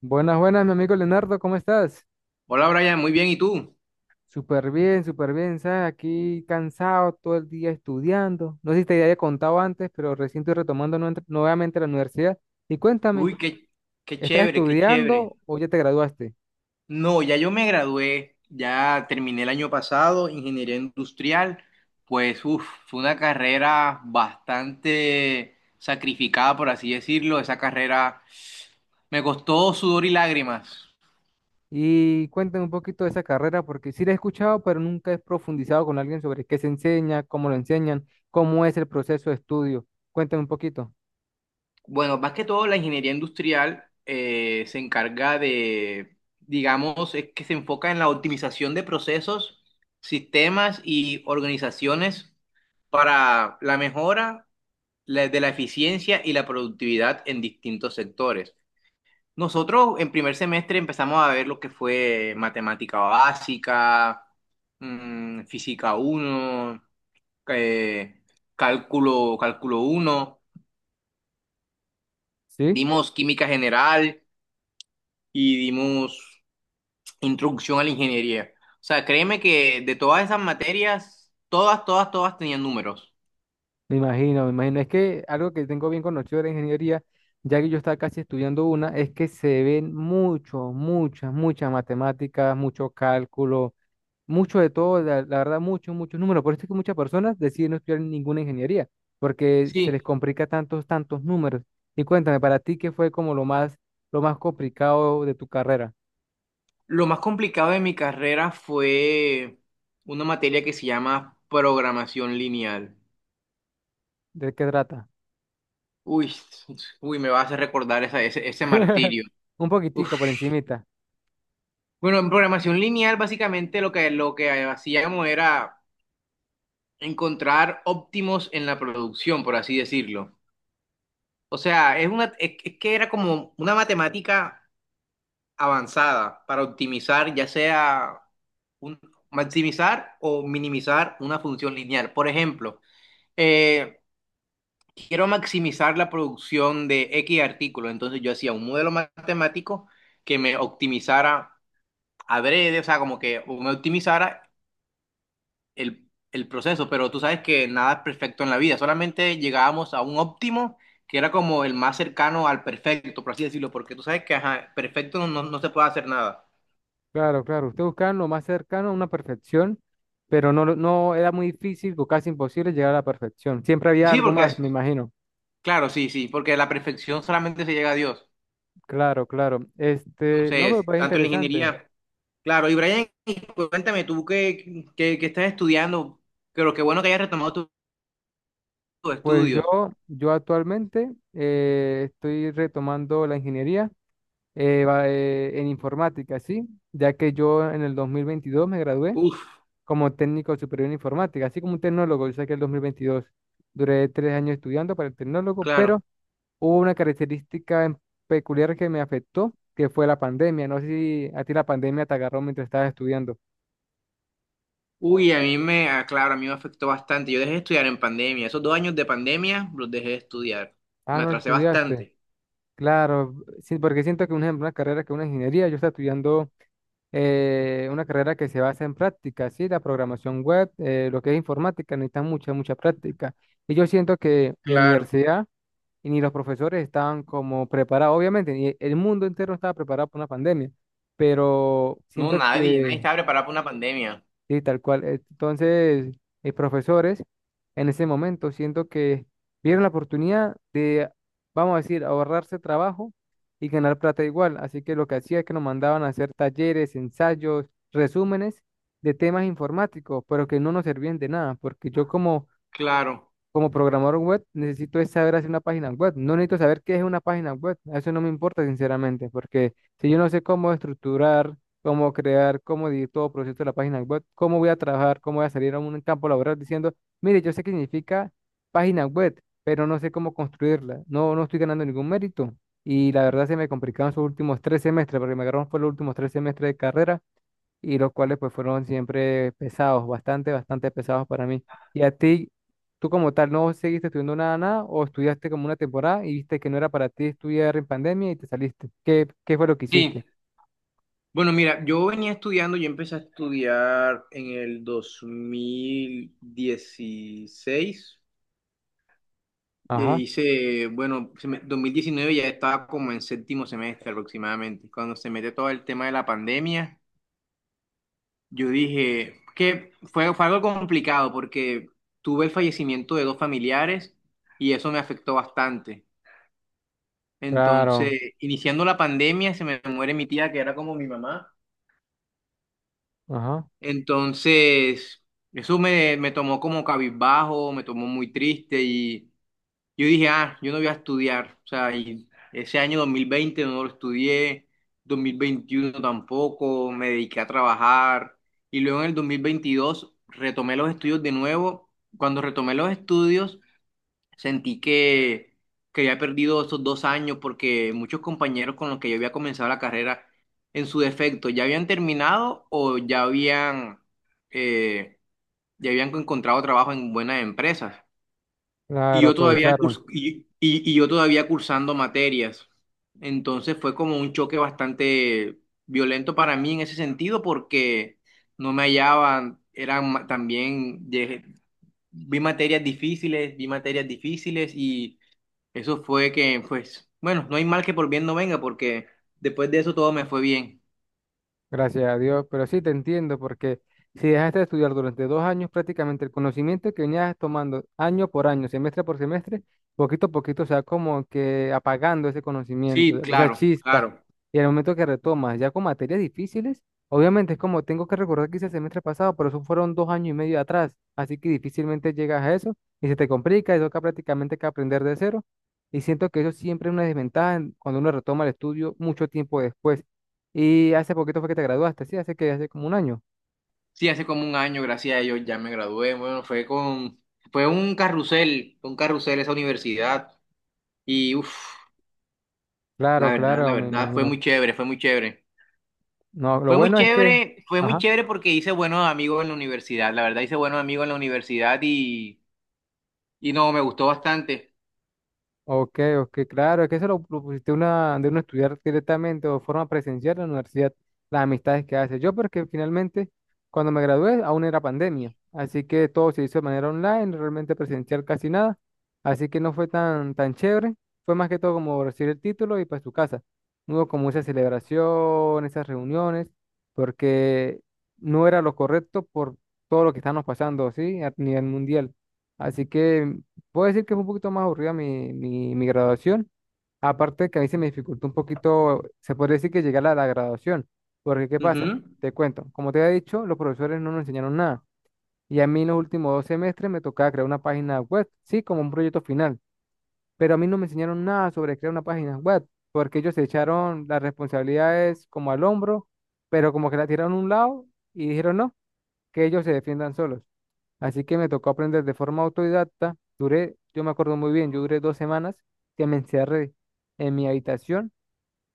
Buenas, buenas, mi amigo Leonardo, ¿cómo estás? Hola Brian, muy bien, ¿y tú? Súper bien, ¿sabes? Aquí cansado todo el día estudiando. No sé si te había contado antes, pero recién estoy retomando nuevamente la universidad. Y cuéntame, Uy, qué ¿estás chévere, qué chévere. estudiando o ya te graduaste? No, ya yo me gradué, ya terminé el año pasado, ingeniería industrial. Pues uf, fue una carrera bastante sacrificada, por así decirlo. Esa carrera me costó sudor y lágrimas. Y cuéntame un poquito de esa carrera, porque sí la he escuchado, pero nunca he profundizado con alguien sobre qué se enseña, cómo lo enseñan, cómo es el proceso de estudio. Cuéntame un poquito, Bueno, más que todo la ingeniería industrial se encarga de, digamos, es que se enfoca en la optimización de procesos, sistemas y organizaciones para la mejora de la eficiencia y la productividad en distintos sectores. Nosotros en primer semestre empezamos a ver lo que fue matemática básica, física uno eh, cálculo uno, ¿sí? dimos química general y dimos introducción a la ingeniería. O sea, créeme que de todas esas materias, todas, todas, todas tenían números. Me imagino, me imagino. Es que algo que tengo bien conocido de la ingeniería, ya que yo estaba casi estudiando una, es que se ven mucho, muchas, muchas matemáticas, mucho cálculo, mucho de todo, la verdad, muchos, muchos números. Por eso es que muchas personas deciden no estudiar ninguna ingeniería, porque se les Sí, complica tantos, tantos números. Y cuéntame, para ti, ¿qué fue como lo más complicado de tu carrera? lo más complicado de mi carrera fue una materia que se llama programación lineal. ¿De qué trata? Uy, uy, me va a hacer recordar ese martirio. Un Uf. poquitico por encimita. Bueno, en programación lineal básicamente lo que hacíamos era encontrar óptimos en la producción, por así decirlo. O sea, es que era como una matemática avanzada para optimizar, ya sea un- maximizar o minimizar una función lineal. Por ejemplo, eh, quiero maximizar la producción de X artículo, entonces yo hacía un modelo matemático que me optimizara adrede. O sea, como que me optimizara el proceso, pero tú sabes que nada es perfecto en la vida, solamente llegábamos a un óptimo, que era como el más cercano al perfecto, por así decirlo, porque tú sabes que ajá, perfecto no, no no se puede hacer nada. Claro, claro, usted buscaba lo más cercano a una perfección, pero no, no era muy difícil o casi imposible llegar a la perfección. Siempre había Sí, algo más, me imagino. claro, sí, sí, porque la perfección solamente se llega a Dios. Claro, claro. Este, no, pero Entonces, parece tanto en la interesante. ingeniería. Claro, y Brian, y cuéntame, tú que estás estudiando, pero qué bueno que hayas retomado tus Pues yo, estudios. yo actualmente estoy retomando la ingeniería en informática, ¿sí? Ya que yo en el 2022 me gradué Uf, como técnico superior en informática, así como un tecnólogo, yo saqué el 2022. Duré tres años estudiando para el tecnólogo, claro. pero hubo una característica peculiar que me afectó, que fue la pandemia. No sé si a ti la pandemia te agarró mientras estabas estudiando. Uy, ah, claro, a mí me afectó bastante. Yo dejé de estudiar en pandemia. Esos 2 años de pandemia los dejé de estudiar. Ah, Me no atrasé estudiaste. bastante. Claro, sí, porque siento que, un ejemplo, una carrera que es una ingeniería, yo estaba estudiando una carrera que se basa en práctica, ¿sí? La programación web, lo que es informática, necesita mucha, mucha práctica. Y yo siento que mi Claro. universidad y ni los profesores estaban como preparados, obviamente, ni el mundo entero estaba preparado para una pandemia, pero No, siento nadie, nadie que estaba preparado para una pandemia. sí, tal cual. Entonces, profesores, en ese momento siento que vieron la oportunidad de, vamos a decir, ahorrarse trabajo y ganar plata igual. Así que lo que hacía es que nos mandaban a hacer talleres, ensayos, resúmenes de temas informáticos, pero que no nos servían de nada, porque yo como Claro. como programador web, necesito es saber hacer una página web. No necesito saber qué es una página web. Eso no me importa, sinceramente, porque si yo no sé cómo estructurar, cómo crear, cómo dividir todo el proceso de la página web, cómo voy a trabajar, cómo voy a salir a un campo laboral diciendo, mire, yo sé qué significa página web, pero no sé cómo construirla. No, no estoy ganando ningún mérito. Y la verdad se me complicaron sus últimos tres semestres, porque me agarraron por los últimos tres semestres de carrera y los cuales pues fueron siempre pesados, bastante, bastante pesados para mí. Y a ti, tú como tal, ¿no seguiste estudiando nada, nada o estudiaste como una temporada y viste que no era para ti estudiar en pandemia y te saliste? ¿Qué, qué fue lo que Sí. hiciste? Bueno, mira, yo venía estudiando, yo empecé a estudiar en el 2016. E Ajá, hice, bueno, 2019 ya estaba como en séptimo semestre aproximadamente. Cuando se mete todo el tema de la pandemia, yo dije que fue algo complicado porque tuve el fallecimiento de dos familiares y eso me afectó bastante. Entonces, claro, iniciando la pandemia, se me muere mi tía, que era como mi mamá. ajá, Entonces, eso me tomó como cabizbajo, me tomó muy triste y yo dije, ah, yo no voy a estudiar. O sea, y ese año 2020 no lo estudié, 2021 tampoco, me dediqué a trabajar y luego en el 2022 retomé los estudios de nuevo. Cuando retomé los estudios, sentí que había perdido esos 2 años porque muchos compañeros con los que yo había comenzado la carrera, en su defecto, ya habían terminado o eh, ya habían encontrado trabajo en buenas empresas. Y claro, yo todavía, aprovecharon. curs- y, y- y yo todavía cursando materias. Entonces fue como un choque bastante violento para mí en ese sentido porque no me hallaban, también, vi materias difíciles y eso fue que, pues, bueno, no hay mal que por bien no venga, porque después de eso todo me fue bien. Gracias a Dios, pero sí te entiendo porque si dejaste de estudiar durante dos años, prácticamente el conocimiento que venías tomando año por año, semestre por semestre, poquito a poquito se va como que apagando ese conocimiento, Sí, esa claro, chispa. claro. Y el momento que retomas, ya con materias difíciles, obviamente es como tengo que recordar que hice el semestre pasado, pero eso fueron dos años y medio atrás, así que difícilmente llegas a eso y se te complica, eso toca prácticamente que aprender de cero. Y siento que eso siempre es una desventaja cuando uno retoma el estudio mucho tiempo después. Y hace poquito fue que te graduaste, sí, hace que hace como un año. Sí, hace como un año, gracias a ellos, ya me gradué. Bueno, fue un carrusel esa universidad. Y uff, Claro, la claro, me verdad, fue imagino. muy chévere, fue muy chévere. No, lo Fue muy bueno es que, chévere, fue muy ajá. chévere porque hice buenos amigos en la universidad. La verdad, hice buenos amigos en la universidad y no, me gustó bastante. Ok, ok, claro, es que se lo propusiste una, de uno estudiar directamente o de forma presencial en la universidad, las amistades que hace. Yo, porque finalmente, cuando me gradué, aún era pandemia, así que todo se hizo de manera online, realmente presencial casi nada, así que no fue tan, tan chévere, fue más que todo como recibir el título y para su casa. No hubo como esa celebración, esas reuniones, porque no era lo correcto por todo lo que estamos pasando, ¿sí? A nivel mundial. Así que puedo decir que fue un poquito más aburrida mi graduación. Aparte que a mí se me dificultó un poquito, se podría decir que llegar a la graduación. Porque, ¿qué pasa? Ujú. Te cuento. Como te había dicho, los profesores no nos enseñaron nada. Y a mí en los últimos dos semestres me tocaba crear una página web, sí, como un proyecto final. Pero a mí no me enseñaron nada sobre crear una página web. Porque ellos se echaron las responsabilidades como al hombro, pero como que la tiraron a un lado y dijeron no, que ellos se defiendan solos. Así que me tocó aprender de forma autodidacta. Duré, yo me acuerdo muy bien, yo duré dos semanas que me encerré en mi habitación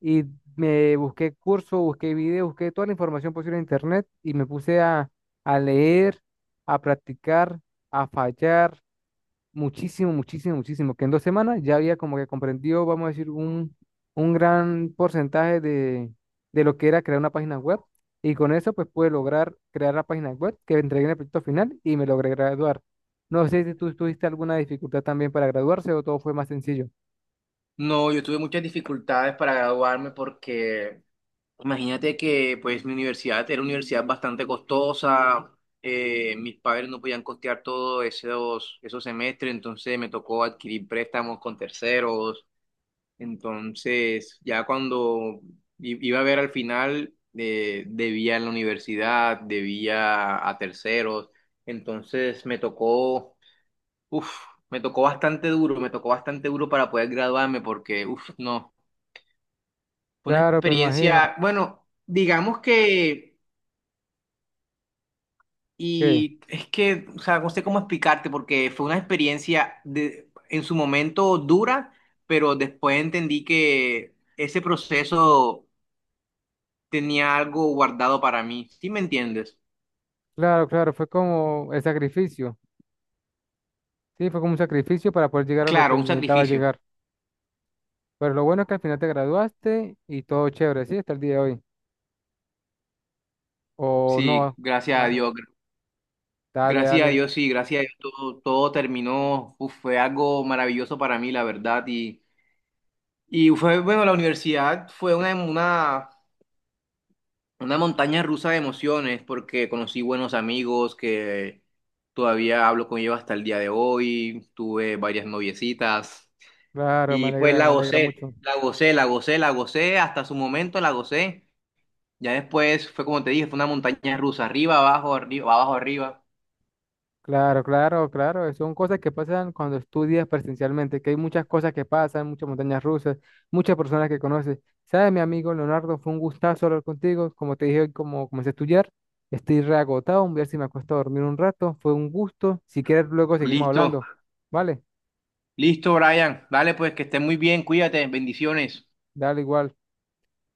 y me busqué cursos, busqué videos, busqué toda la información posible en internet y me puse a leer, a practicar, a fallar, muchísimo, muchísimo, muchísimo, que en dos semanas ya había como que comprendido, vamos a decir, un gran porcentaje de lo que era crear una página web. Y con eso, pues pude lograr crear la página web que entregué en el proyecto final y me logré graduar. No sé si tú tuviste alguna dificultad también para graduarse o todo fue más sencillo. No, yo tuve muchas dificultades para graduarme porque imagínate que pues mi universidad era una universidad bastante costosa. Mis padres no podían costear todos esos semestres, entonces me tocó adquirir préstamos con terceros. Entonces ya cuando iba a ver al final debía en la universidad, debía a terceros, entonces me tocó uf, me tocó bastante duro, me tocó bastante duro para poder graduarme porque, uf, no, fue una Claro, me imagino experiencia, bueno, digamos que, que, y es que, o sea, no sé cómo explicarte porque fue una experiencia de, en su momento dura, pero después entendí que ese proceso tenía algo guardado para mí, ¿sí me entiendes? claro, claro, fue como el sacrificio. Sí, fue como un sacrificio para poder llegar a lo Claro, que un necesitaba sacrificio, llegar. Pero lo bueno es que al final te graduaste y todo chévere, ¿sí? Hasta el día de hoy. O sí, no. gracias a Dios. Dale, Gracias a dale, Dios, sí, gracias a Dios todo, todo terminó. Uf, fue algo maravilloso para mí, la verdad. Y fue, bueno, la universidad fue una montaña rusa de emociones porque conocí buenos amigos que todavía hablo con ellos hasta el día de hoy, tuve varias noviecitas claro, y pues la me alegra gocé, mucho. la gocé, la gocé, la gocé, hasta su momento la gocé. Ya después fue como te dije, fue una montaña rusa, arriba, abajo, arriba, abajo, arriba. Claro, claro, claro, son cosas que pasan cuando estudias presencialmente, que hay muchas cosas que pasan, muchas montañas rusas, muchas personas que conoces. ¿Sabes, mi amigo Leonardo? Fue un gustazo hablar contigo. Como te dije hoy, como comencé a estudiar, estoy reagotado, voy a ver si me acuesto a dormir un rato. Fue un gusto. Si quieres, luego seguimos Listo, hablando. Vale, listo, Brian. Dale, pues que estés muy bien, cuídate, bendiciones. dale igual.